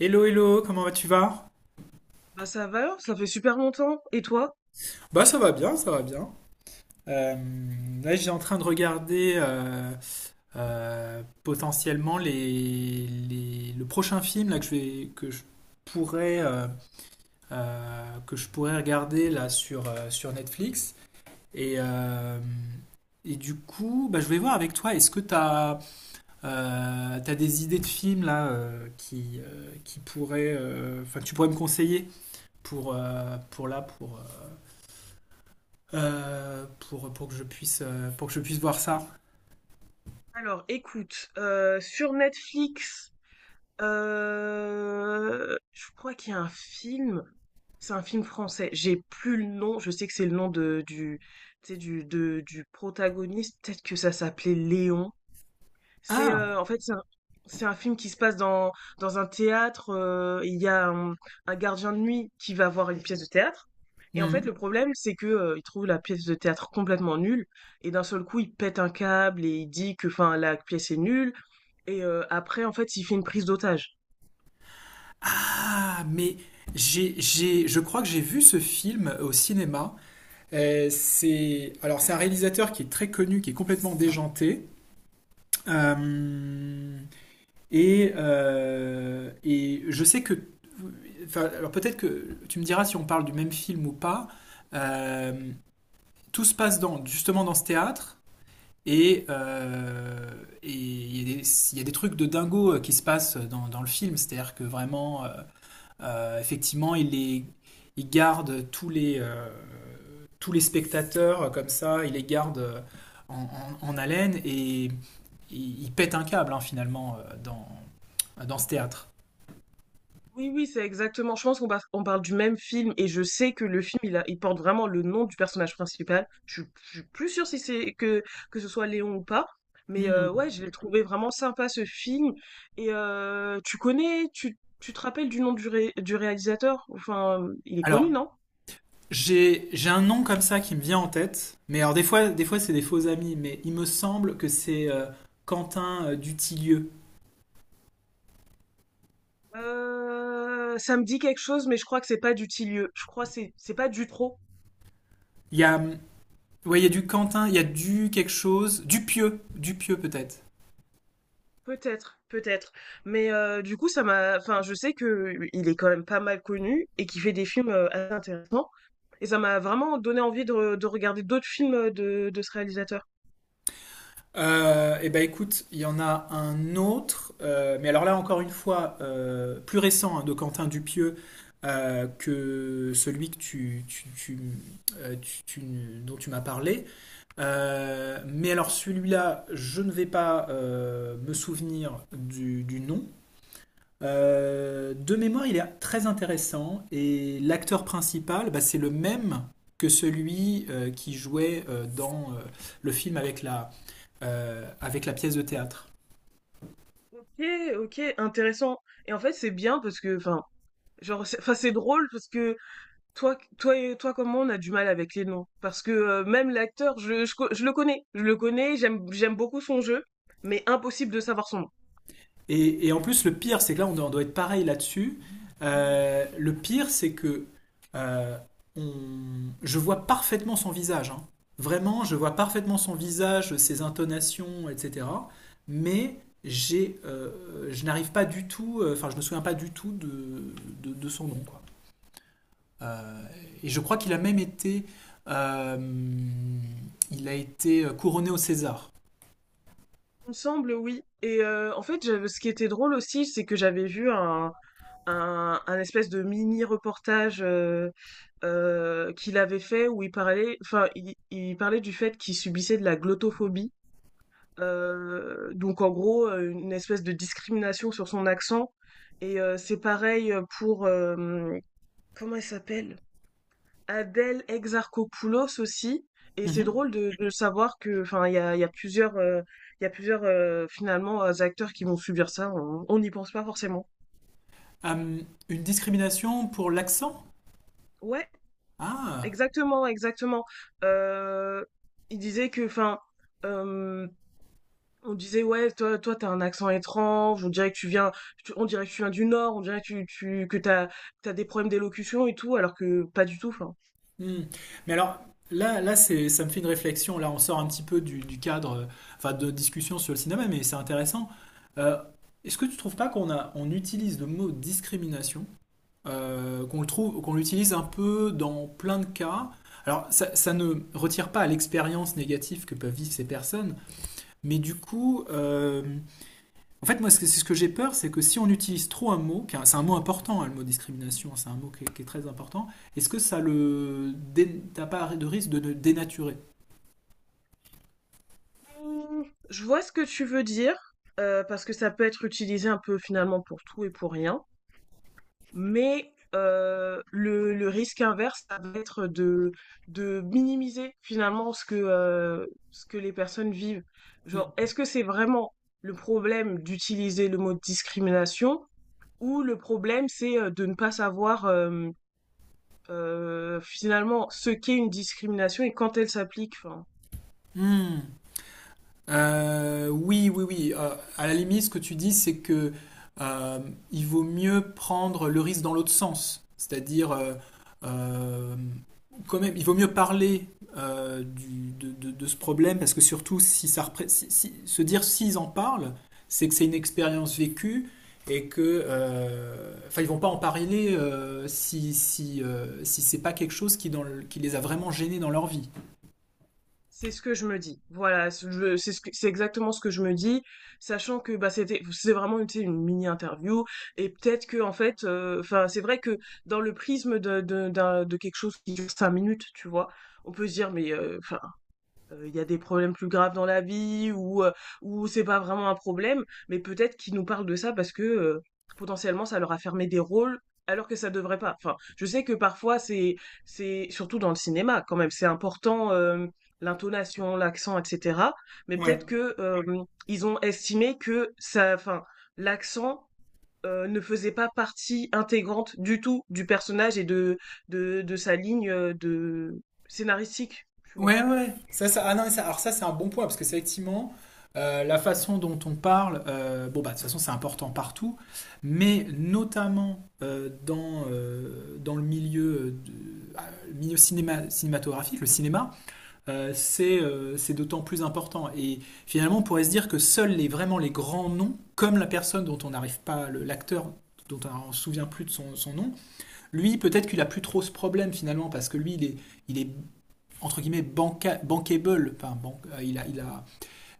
Hello, hello, comment vas tu vas? Bah ça va, ça fait super longtemps. Et toi? Bah ça va bien, ça va bien. J'ai en train de regarder potentiellement le prochain film là, pourrais, euh, que je pourrais regarder là sur Netflix. Et, euh, et du coup, bah, je vais voir avec toi, est-ce que tu as des idées de films là qui pourraient, que tu pourrais me conseiller pour là, pour que je puisse, pour que je puisse voir ça. Alors, écoute, sur Netflix, je crois qu'il y a un film. C'est un film français. J'ai plus le nom. Je sais que c'est le nom de du, tu sais, du protagoniste. Peut-être que ça s'appelait Léon. C'est, Ah! heu, en fait, c'est un c'est un film qui se passe dans un théâtre. Il y a un gardien de nuit qui va voir une pièce de théâtre et en fait, Mhm. le problème, c'est que, il trouve la pièce de théâtre complètement nulle et d'un seul coup, il pète un câble et il dit que, enfin, la pièce est nulle et après, en fait, il fait une prise d'otage. Ah, mais je crois que j'ai vu ce film au cinéma. C'est un réalisateur qui est très connu, qui est complètement déjanté. Euh, et je sais que, alors peut-être que tu me diras si on parle du même film ou pas. Euh, tout se justement dans ce théâtre. Et euh, et il y, a des- il y a des trucs de dingo qui se dans le film, c'est-à-dire que vraiment, effectivement, il garde tous les spectateurs comme ça, il les garde en, en haleine et il pète un câble hein, finalement dans ce théâtre. Oui, oui, c'est exactement. Je pense qu'on par- on parle du même film et je sais que le film, il porte vraiment le nom du personnage principal. Je suis plus sûre si c'est que ce soit Léon ou pas. Mais Hmm. Ouais, je l'ai trouvé vraiment sympa ce film. Et tu connais, tu te rappelles du nom du réalisateur? Enfin, il est connu, Alors, non? J'ai un nom comme ça qui me vient en tête, mais alors des fois c'est des faux amis, mais il me semble que c'est Quentin Dutilleux. Ça me dit quelque chose, mais je crois que c'est pas du Dutilleux. Je crois que c'est pas Dutro. Il y a, Ouais, il y a du Quentin, il y a du quelque chose, du pieux peut-être. Peut-être, peut-être. Mais du coup, ça m'a enfin, je sais que il est quand même pas mal connu et qu'il fait des films, assez intéressants et ça m'a vraiment donné envie de regarder d'autres films, de ce réalisateur. Et ben écoute, il y en a un autre, mais alors là encore une fois, plus récent hein, de Quentin Dupieux que celui que euh, tu- tu- dont tu m'as parlé. Mais alors celui-là, je ne vais pas me souvenir du nom. De mémoire, il est très intéressant et l'acteur principal, bah, c'est le même que celui qui jouait dans le film avec avec la pièce de théâtre. OK, OK, intéressant et en fait, c'est bien parce que enfin, genre, c'est enfin, c'est drôle parce que toi et toi comme moi, on a du mal avec les noms parce que, même l'acteur, je le connais. Je le connais, j'aime beaucoup son jeu, mais impossible de savoir son nom. Et en plus, le pire, c'est que là, on doit être pareil là-dessus. Le pire, c'est que euh, je vois parfaitement son visage, hein. Vraiment, je vois parfaitement son visage, ses intonations, etc. Mais je n'arrive pas du tout, je me souviens pas du tout de son nom, quoi. Euh, et je crois qu'il a même euh, il a été couronné au César. Il me semble, oui. Et en fait, ce qui était drôle aussi, c'est que j'avais vu un espèce de mini-reportage qu'il avait fait où il parlait, enfin, il parlait du fait qu'il subissait de la glottophobie. Donc, en gros, une espèce de discrimination sur son accent. Et c'est pareil pour... euh, comment elle s'appelle? Adèle Exarchopoulos aussi. Et c'est Mhm. drôle de savoir que, enfin, il y a plusieurs finalement acteurs qui vont subir ça. On n'y pense pas forcément. Euh, une discrimination pour l'accent? Ouais, Ah. exactement, exactement. Euh, il disait que, enfin, euh, on disait ouais, toi, t'as un accent étrange. On dirait que tu viens du Nord. On dirait que tu, que t'as des problèmes d'élocution et tout, alors que pas du tout. Enfin. Hmm. Mais alors, ça me fait une réflexion. Là, on sort un petit peu du cadre, enfin, de discussion sur le cinéma, mais c'est intéressant. Euh, est-ce que tu trouves pas on utilise le mot discrimination, qu'on l'utilise un peu dans plein de cas? Alors, ça ne retire pas à l'expérience négative que peuvent vivre ces personnes, mais du coup, en fait, moi, c'est ce que j'ai peur, c'est que si on utilise trop un mot, car c'est un mot important, hein, le mot discrimination, c'est un mot qui est très important, est-ce que t'as pas de risque de le dénaturer? Mmh, je vois ce que tu veux dire, parce que ça peut être utilisé un peu finalement pour tout et pour rien. Mais, le risque inverse, ça va être de minimiser finalement ce que les personnes vivent. Mm. Genre, est-ce que c'est vraiment le problème d'utiliser le mot discrimination ou le problème c'est, de ne pas savoir, finalement ce qu'est une discrimination et quand elle s'applique? Enfin. Hmm. Oui, oui, oui. À la limite, ce que tu dis, c'est que euh, il vaut mieux prendre le risque dans l'autre sens. C'est-à-dire, euh, quand même, il vaut mieux parler de ce problème parce que surtout, si se dire s'ils en parlent, c'est que c'est une expérience vécue et que, ils vont pas en parler si c'est pas quelque chose qui les a vraiment gênés dans leur vie. C'est ce que je me dis. Voilà, c'est exactement ce que je me dis, sachant que bah c'est vraiment tu sais, une mini interview et peut-être que en fait, enfin c'est vrai que dans le prisme de quelque chose qui dure 5 minutes, tu vois, on peut se dire mais enfin, il y a des problèmes plus graves dans la vie ou c'est pas vraiment un problème, mais peut-être qu'ils nous parlent de ça parce que, potentiellement ça leur a fermé des rôles alors que ça devrait pas. Enfin, je sais que parfois c'est surtout dans le cinéma quand même, c'est important, l'intonation, l'accent et cetera, mais Ouais. peut-être que, ils ont estimé que ça enfin, l'accent, ne faisait pas partie intégrante du tout du personnage et de sa ligne, de scénaristique, tu vois? Ouais, ouais, ouais. Ah non, alors ça, c'est un bon point, parce que c'est effectivement la façon dont on parle. Euh, bon, bah, de toute façon, c'est important partout, mais notamment dans le milieu, le milieu cinéma, cinématographique, le cinéma, c'est d'autant plus important. Et finalement, on pourrait se dire que seuls vraiment les grands noms, comme la personne dont on n'arrive pas, l'acteur dont on ne se souvient plus de son nom, lui, peut-être qu'il a plus trop ce problème finalement, parce que lui, il est entre guillemets banca bankable.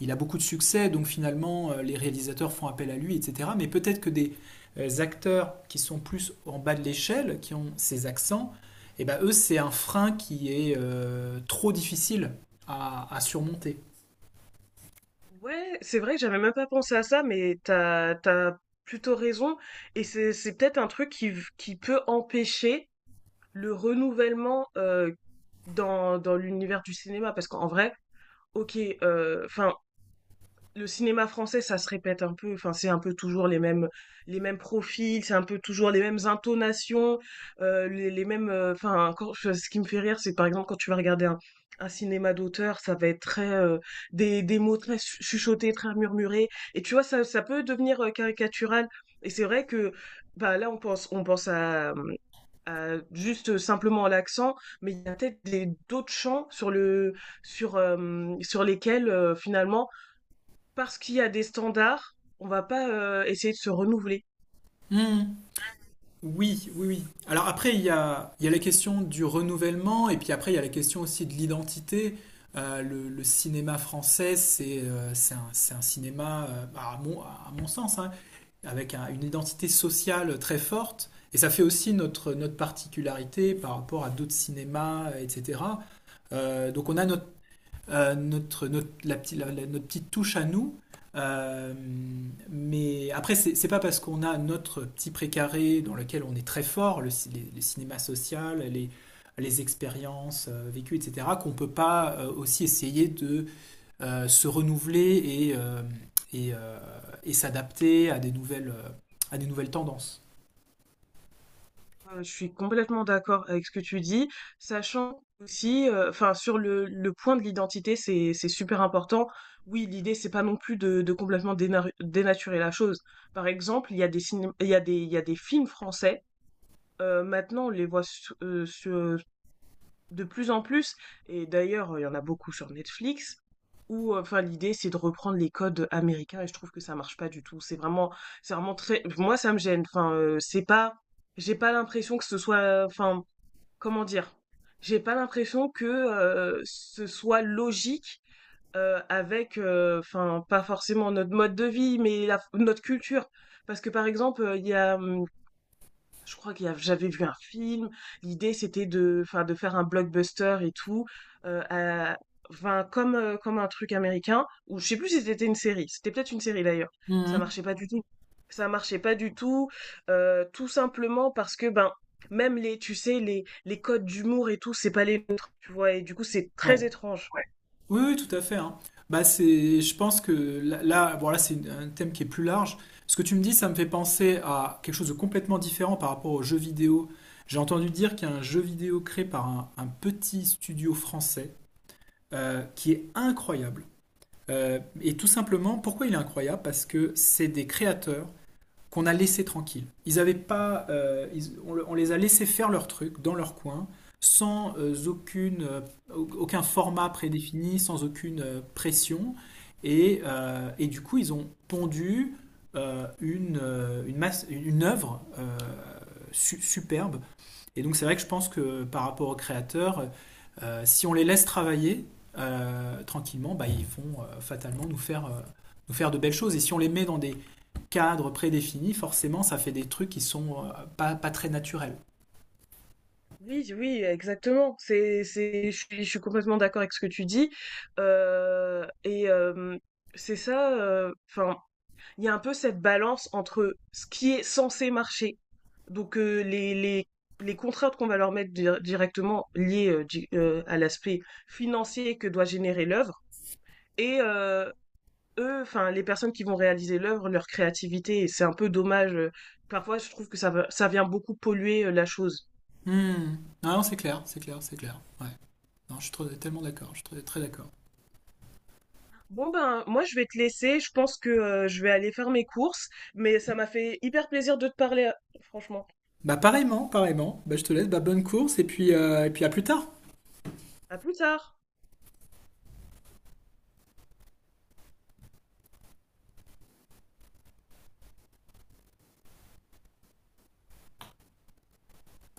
Il a beaucoup de succès, donc finalement les réalisateurs font appel à lui, etc. Mais peut-être que des acteurs qui sont plus en bas de l'échelle, qui ont ces accents, et ben eux c'est un frein qui est trop difficile à surmonter. Ouais, c'est vrai que j'avais même pas pensé à ça, mais t'as plutôt raison. Et c'est peut-être un truc qui peut empêcher le renouvellement dans l'univers du cinéma. Parce qu'en vrai, ok, enfin, le cinéma français, ça se répète un peu. Enfin, c'est un peu toujours les mêmes, profils, c'est un peu toujours les mêmes intonations, les mêmes. Enfin, encore, ce qui me fait rire, c'est par exemple quand tu vas regarder un cinéma d'auteur, ça va être très des mots très chuchotés, très murmurés. Et tu vois, ça peut devenir caricatural. Et c'est vrai que bah, là, on pense à, juste simplement à l'accent, mais il y a peut-être d'autres champs sur sur lesquels finalement parce qu'il y a des standards, on va pas essayer de se renouveler. Hmm. Oui, oui, oui. Alors après, il y a la question du renouvellement, et puis après, il y a la question aussi de l'identité. Le cinéma français, c'est un cinéma, à mon sens, hein, avec une identité sociale très forte. Et ça fait aussi notre particularité par rapport à d'autres cinémas, etc. Donc on a notre notre, notre, la, petite- la- la- notre petite touche à nous. Euh, mais après, c'est pas parce qu'on a notre petit précaré dans lequel on est très fort, le cinéma social, les expériences vécues, etc., qu'on peut pas aussi essayer de se renouveler et, euh, et, euh, et s'adapter à des nouvelles tendances. Je suis complètement d'accord avec ce que tu dis, sachant aussi, enfin sur le point de l'identité, c'est super important. Oui, l'idée c'est pas non plus de complètement dénaturer la chose. Par exemple, il y a des ciné- il y a des il y a des films français. Maintenant, on les voit de plus en plus, et d'ailleurs, il y en a beaucoup sur Netflix, où enfin l'idée c'est de reprendre les codes américains et je trouve que ça marche pas du tout. C'est vraiment très. Moi, ça me gêne. Enfin c'est pas j'ai pas l'impression que ce soit enfin comment dire? J'ai pas l'impression que ce soit logique avec enfin pas forcément notre mode de vie mais notre culture parce que par exemple il y a je crois qu'il y a, j'avais vu un film. L'idée, c'était enfin, de faire un blockbuster et tout, euh, à- enfin, comme un truc américain, ou je sais plus si c'était une série. C'était peut-être une série d'ailleurs. Ça Mhm. marchait pas du tout. Ça marchait pas du tout, tout simplement parce que, ben, tu sais, les codes d'humour et tout, c'est pas les nôtres, tu vois. Et du coup, c'est très Ouais. étrange. Ouais. Oui, oui, tout à fait, hein. Bah, je pense que là, bon, là, c'est un thème qui est plus large. Ce que tu me dis, ça me fait penser à quelque chose de complètement différent par rapport aux jeux vidéo. J'ai entendu dire qu'il y a un jeu vidéo créé par un petit studio français qui est incroyable. Et tout simplement, pourquoi il est incroyable? Parce que c'est des créateurs qu'on a laissé tranquilles. Ils avaient pas, ils- on les a laissés faire leur truc dans leur coin, sans aucun format prédéfini, sans aucune pression. Et, du coup, ils ont pondu une œuvre superbe, et donc c'est vrai que je pense que par rapport aux créateurs, si on les laisse travailler tranquillement, bah, ils vont fatalement nous nous faire de belles choses. Et si on les met dans des cadres prédéfinis, forcément ça fait des trucs qui sont pas très naturels. Oui, oui, exactement. Je suis complètement d'accord avec ce que tu dis. Et c'est ça. Enfin il y a un peu cette balance entre ce qui est censé marcher, donc les contraintes qu'on va leur mettre directement liées à l'aspect financier que doit générer l'œuvre, et eux, enfin les personnes qui vont réaliser l'œuvre, leur créativité, et c'est un peu dommage. Parfois, je trouve que ça vient beaucoup polluer la chose. Hmm. Non, non, c'est clair, c'est clair, c'est clair. Ouais. Non, tellement d'accord, je suis très, très d'accord. Bon ben, moi je vais te laisser, je pense que je vais aller faire mes courses, mais ça m'a fait hyper plaisir de te parler, franchement. Bah pareillement, pareillement. Bah, je te laisse, bah, bonne course et puis à plus tard. À plus tard!